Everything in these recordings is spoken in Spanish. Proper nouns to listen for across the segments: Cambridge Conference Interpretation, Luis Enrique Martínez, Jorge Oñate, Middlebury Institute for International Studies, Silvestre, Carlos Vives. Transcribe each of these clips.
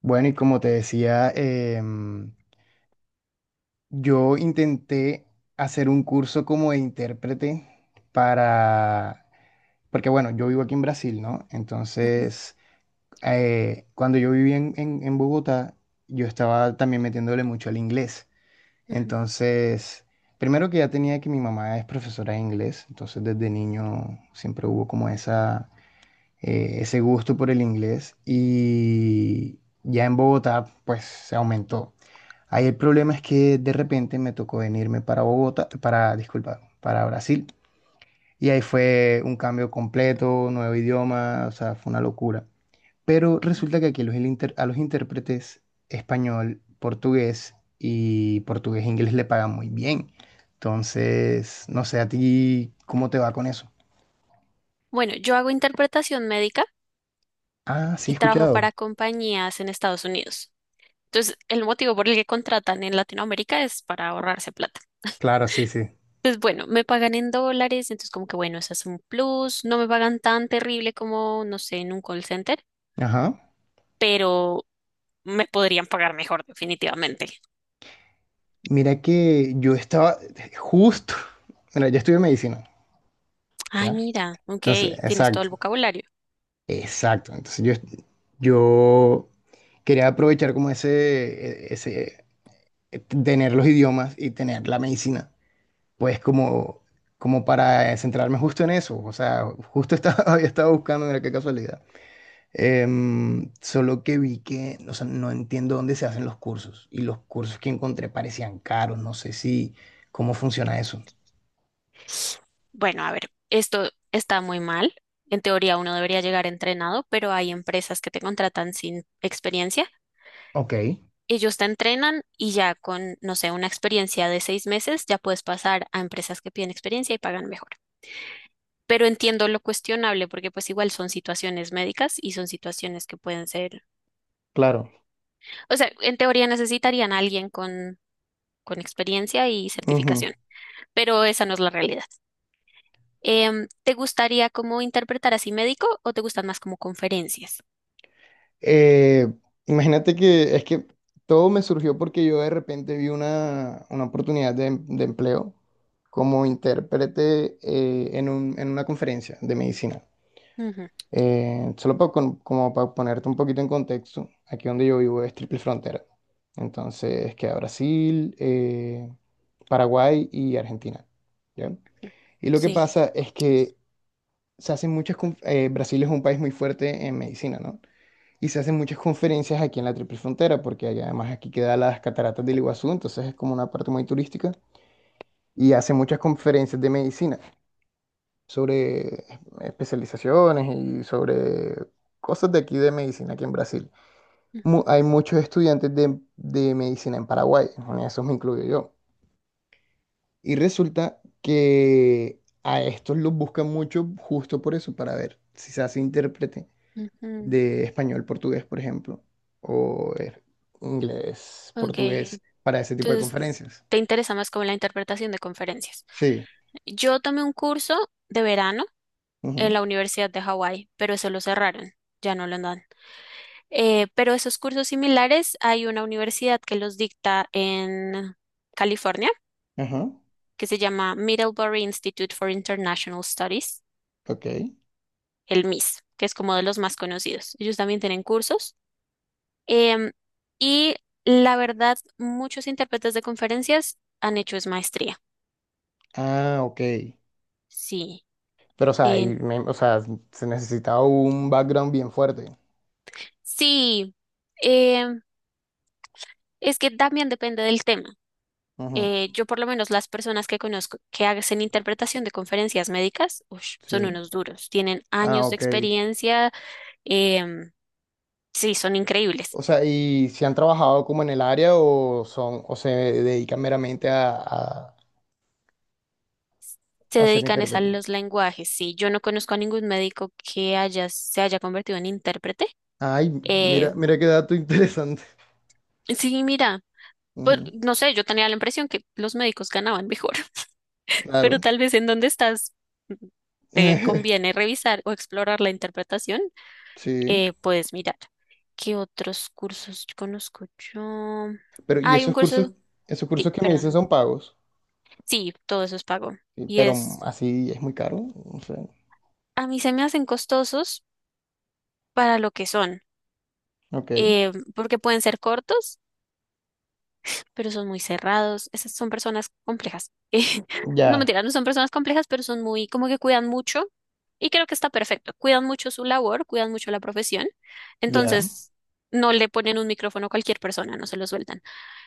Bueno, y como te decía, yo intenté hacer un curso como de intérprete para, porque bueno, yo vivo aquí en Brasil, ¿no? Entonces, cuando yo vivía en Bogotá, yo estaba también metiéndole mucho al inglés. Entonces, primero que ya tenía que mi mamá es profesora de inglés, entonces desde niño siempre hubo como esa, ese gusto por el inglés y ya en Bogotá, pues se aumentó. Ahí el problema es que de repente me tocó venirme para Bogotá, para, disculpa, para Brasil. Y ahí fue un cambio completo, nuevo idioma, o sea, fue una locura. Pero resulta que aquí los inter- a los intérpretes español, portugués y portugués e inglés le pagan muy bien. Entonces, no sé a ti cómo te va con eso. Bueno, yo hago interpretación médica Ah, sí, he y trabajo escuchado. para compañías en Estados Unidos. Entonces, el motivo por el que contratan en Latinoamérica es para ahorrarse plata. Claro, sí, sí. Pues bueno, me pagan en dólares, entonces como que bueno, eso es un plus. No me pagan tan terrible como, no sé, en un call center, Ajá. pero me podrían pagar mejor definitivamente. Mira que yo estaba justo, mira, yo estudié medicina. Ay, ¿Ya? mira, ok, Entonces, tienes todo el exacto. vocabulario. Exacto. Entonces yo quería aprovechar como tener los idiomas y tener la medicina, pues como, como para centrarme justo en eso. O sea, justo estaba, había estado buscando, mira qué casualidad. Solo que vi que, o sea, no entiendo dónde se hacen los cursos y los cursos que encontré parecían caros. No sé si, cómo funciona eso. Bueno, a ver, esto está muy mal. En teoría uno debería llegar entrenado, pero hay empresas que te contratan sin experiencia Ok, Ellos te entrenan y ya con, no sé, una experiencia de 6 meses, ya puedes pasar a empresas que piden experiencia y pagan mejor. Pero entiendo lo cuestionable porque pues igual son situaciones médicas y son situaciones que pueden ser, claro. o sea, en teoría necesitarían a alguien con experiencia y Ujú. certificación, pero esa no es la realidad. ¿Te gustaría como interpretar así médico o te gustan más como conferencias? Eh, Imagínate que es que todo me surgió porque yo de repente vi una oportunidad de, de empleo como intérprete en en una conferencia de medicina. Ujú, Solo como para ponerte un poquito en contexto, aquí donde yo vivo es triple frontera. Entonces queda Brasil, Paraguay y Argentina. ¿Ya? Y lo que sí. pasa es que se hacen muchas... Brasil es un país muy fuerte en medicina, ¿no? Y se hacen muchas conferencias aquí en la Triple Frontera, porque además aquí queda las cataratas del Iguazú, entonces es como una parte muy turística. Y hacen muchas conferencias de medicina sobre especializaciones y sobre cosas de aquí de medicina, aquí en Brasil. Hay muchos estudiantes de medicina en Paraguay, en esos me incluyo yo. Y resulta que a estos los buscan mucho justo por eso, para ver si se hace intérprete Ujú, de español, portugués, por ejemplo, o inglés, ok, ok, portugués, para ese tipo de entonces conferencias. te interesa más como la interpretación de conferencias. Sí. Yo tomé un curso de verano en Ujú, la Universidad de Hawái, pero eso lo cerraron, ya no lo andan. Pero esos cursos similares hay una universidad que los dicta en California, ajá. que se llama Middlebury Institute for International Studies, Ok. el MIS, que es como de los más conocidos. Ellos también tienen cursos. Em, y la verdad, muchos intérpretes de conferencias han hecho es maestría. Ah, ok. Sí, Pero, o sea, en- o sea, se necesitaba un background bien fuerte. sí, em, es que también depende del tema. Ujú, Yo por lo menos las personas que conozco que hacen interpretación de conferencias médicas, ush, son sí. unos duros, tienen Ah, años de ok. experiencia, em, sí, son increíbles. O sea, ¿y si han trabajado como en el área o son, o se dedican meramente Se a ser dedican es a intérprete? los lenguajes. Sí, yo no conozco a ningún médico que haya, se haya convertido en intérprete. Ay, mira, Eh, mira qué dato interesante. sí, mira, Ujú, no sé, yo tenía la impresión que los médicos ganaban mejor, pero claro. tal vez en donde estás te conviene revisar o explorar la interpretación. Sí. Puedes mirar. ¿Qué otros cursos conozco yo? Pero, ¿y Hay un curso, esos sí, cursos que me perdón. dices son pagos? Sí, todo eso es pago. Sí, Y pero es, así es muy caro, no sé. a mí se me hacen costosos para lo que son, Ok, porque pueden ser cortos, pero son muy cerrados. Esas son personas complejas. No ya, mentira, no son personas complejas, pero son muy, como que cuidan mucho. Y creo que está perfecto. Cuidan mucho su labor, cuidan mucho la profesión. ya. Entonces, no le ponen un micrófono a cualquier persona, no se lo sueltan.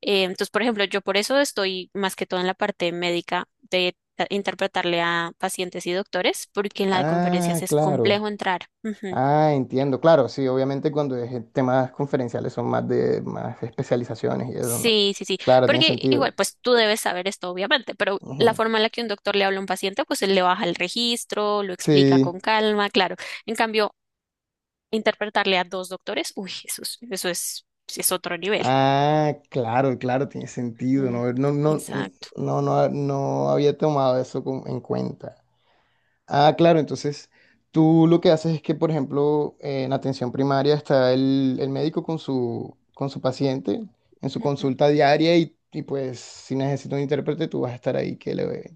Entonces, por ejemplo, yo por eso estoy más que todo en la parte médica de interpretarle a pacientes y doctores, porque en la de conferencias Ah, es claro. complejo entrar. Ujú. Ah, entiendo. Claro, sí, obviamente cuando es temas conferenciales son más de más especializaciones y eso, ¿no? Sí, sí, sí, Claro, tiene porque sentido. igual, pues tú debes saber esto, obviamente, pero la Ujú. forma en la que un doctor le habla a un paciente, pues él le baja el registro, lo explica Sí. con calma, claro. En cambio, interpretarle a dos doctores, uy, eso es otro nivel. Ah, claro, claro, tiene sentido. Mm, No, no, no, exacto. no, no, no había tomado eso en cuenta. Ah, claro, entonces tú lo que haces es que, por ejemplo, en atención primaria está el médico con su paciente en su consulta diaria y, pues si necesita un intérprete tú vas a estar ahí que, le,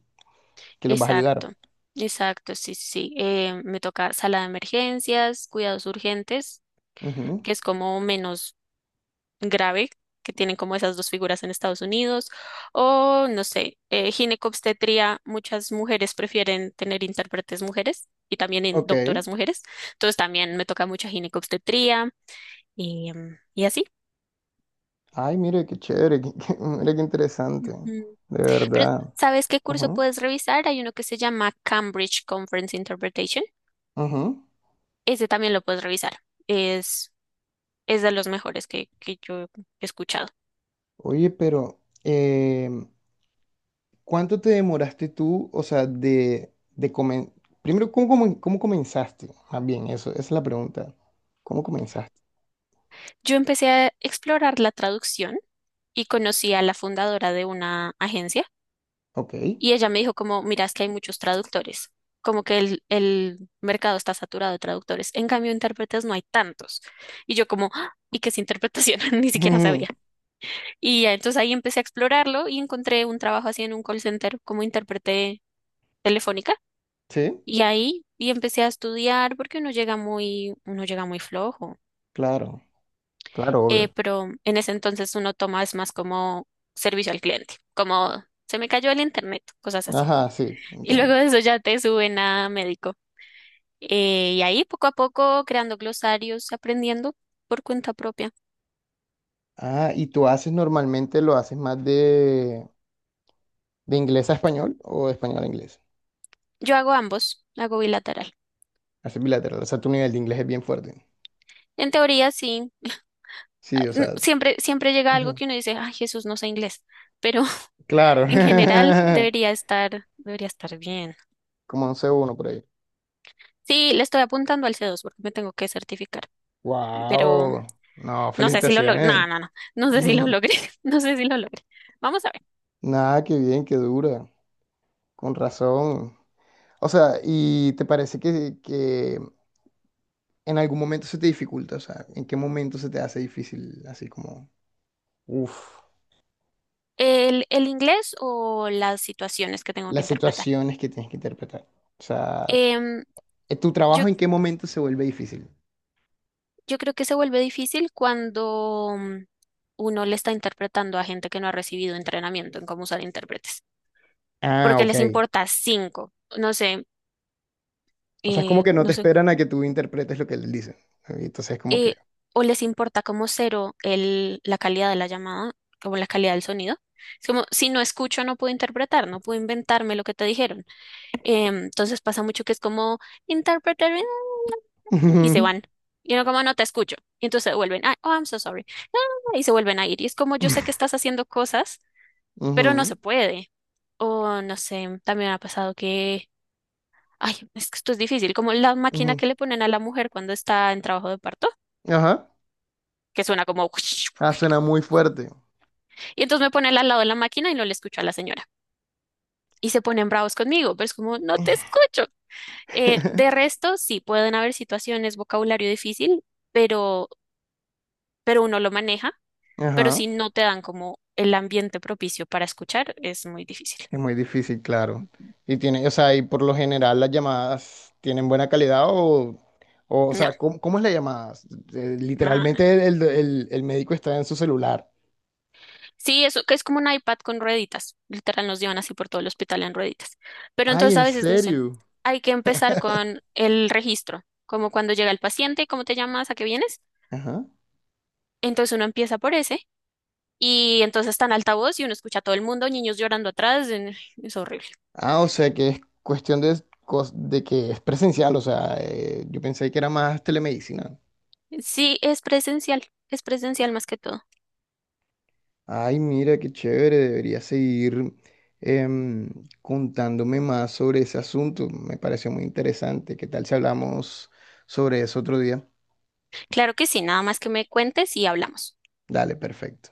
que los vas a Exacto, ayudar. exacto, sí, sí. Sí. Me toca sala de emergencias, cuidados urgentes, Ujú, que es como menos grave, que tienen como esas dos figuras en Estados Unidos, o no sé, ginecobstetría, muchas mujeres prefieren tener intérpretes mujeres y también ok. doctoras mujeres, entonces también me toca mucha ginecobstetría y, y así. Ay, mire, qué chévere, mire qué interesante, Ujú. de Pero, verdad. ¿sabes qué curso Ujú, puedes revisar? Hay uno que se llama Cambridge Conference Interpretation. ujú. Ese también lo puedes revisar. Es es de los mejores que yo he escuchado. Oye, pero em, ¿cuánto te demoraste tú, o sea, primero, ¿cómo, cómo comenzaste? Más bien, eso, esa es la pregunta. ¿Cómo comenzaste? Yo empecé a explorar la traducción y conocí a la fundadora de una agencia Ok. y ella me dijo como, mira, es que hay muchos traductores, como que el mercado está saturado de traductores, en cambio intérpretes no hay tantos. Y yo como, "Ah, ¿y qué es interpretación?" Ni siquiera sabía. Ujú. Y ya, entonces ahí empecé a explorarlo y encontré un trabajo así en un call center como intérprete telefónica. Sí, Y ahí empecé a estudiar porque uno llega muy flojo. claro, claro, obvio. Pero en ese entonces uno toma es más como servicio al cliente, como se me cayó el internet, cosas así. Ajá, sí, Y luego entiendo. de eso ya te suben a médico. Y ahí poco a poco creando glosarios, aprendiendo por cuenta propia. Ah, ¿y tú haces normalmente, lo haces más de inglés a español o de español a inglés? Yo hago ambos, hago bilateral. Haces bilateral, o sea, tu nivel de inglés es bien fuerte. En teoría sí, Sí, o sea, siempre, siempre llega algo ujú. que uno dice, ay, Jesús, no sé inglés, pero Claro. en general debería estar bien. Como un C1 por ahí. Sí, le estoy apuntando al C2 porque me tengo que certificar, pero Wow. No, no sé si lo logré. felicitaciones. No, no, no. No sé si lo logré. No sé si lo logré. Vamos a ver. Nada, qué bien, qué dura. Con razón. O sea, ¿y te parece que en algún momento se te dificulta? O sea, ¿en qué momento se te hace difícil, así como, uff, El inglés o las situaciones que tengo que las interpretar. situaciones que tienes que interpretar? O sea, Em, ¿tu yo, trabajo en qué momento se vuelve difícil? yo creo que se vuelve difícil cuando uno le está interpretando a gente que no ha recibido entrenamiento en cómo usar intérpretes. Ah, Porque ok. les importa cinco. No sé, O sea, es como que no no te sé. esperan a que tú interpretes lo que les dicen. Entonces es como que... eh, o les importa como cero el, la calidad de la llamada, como la calidad del sonido. Es como, si no escucho, no puedo interpretar, no puedo inventarme lo que te dijeron. Entonces pasa mucho que es como "interpreter y se Ujú, van. Y no, como no te escucho. Y entonces se vuelven, "Ah, oh, I'm so sorry." ah, Y se vuelven a ir. Y es como yo sé que estás haciendo cosas, pero no se ujú. puede. O no sé, también ha pasado que, ay, es que esto es difícil, como la máquina Ujú. que le ponen a la mujer cuando está en trabajo de parto, Ajá. que suena como... Ah, suena muy fuerte. Y entonces me ponen al lado de la máquina y no le escucho a la señora. Y se ponen bravos conmigo, pero es como, no te escucho. De resto, sí, pueden haber situaciones, vocabulario difícil, pero uno lo maneja, pero Ajá. si no te dan como el ambiente propicio para escuchar, es muy difícil. Es muy difícil, claro. Y tiene, o sea, y por lo general las llamadas tienen buena calidad o No, sea, ¿cómo, cómo es la llamada? No, no. Literalmente el médico está en su celular. Sí, eso que es como un iPad con rueditas. Literal nos llevan así por todo el hospital en rueditas. Pero Ay, entonces a ¿en veces, no sé, serio? hay que empezar con el registro, como cuando llega el paciente, cómo te llamas, a qué vienes. Ajá. Entonces uno empieza por ese y entonces está en altavoz y uno escucha a todo el mundo, niños llorando atrás, en- es horrible. Ah, o sea, que es cuestión de, de que es presencial, o sea, yo pensé que era más telemedicina. Sí, es presencial más que todo. Ay, mira, qué chévere, debería seguir em, contándome más sobre ese asunto. Me pareció muy interesante. ¿Qué tal si hablamos sobre eso otro día? Claro que sí, nada más que me cuentes y hablamos. Dale, perfecto.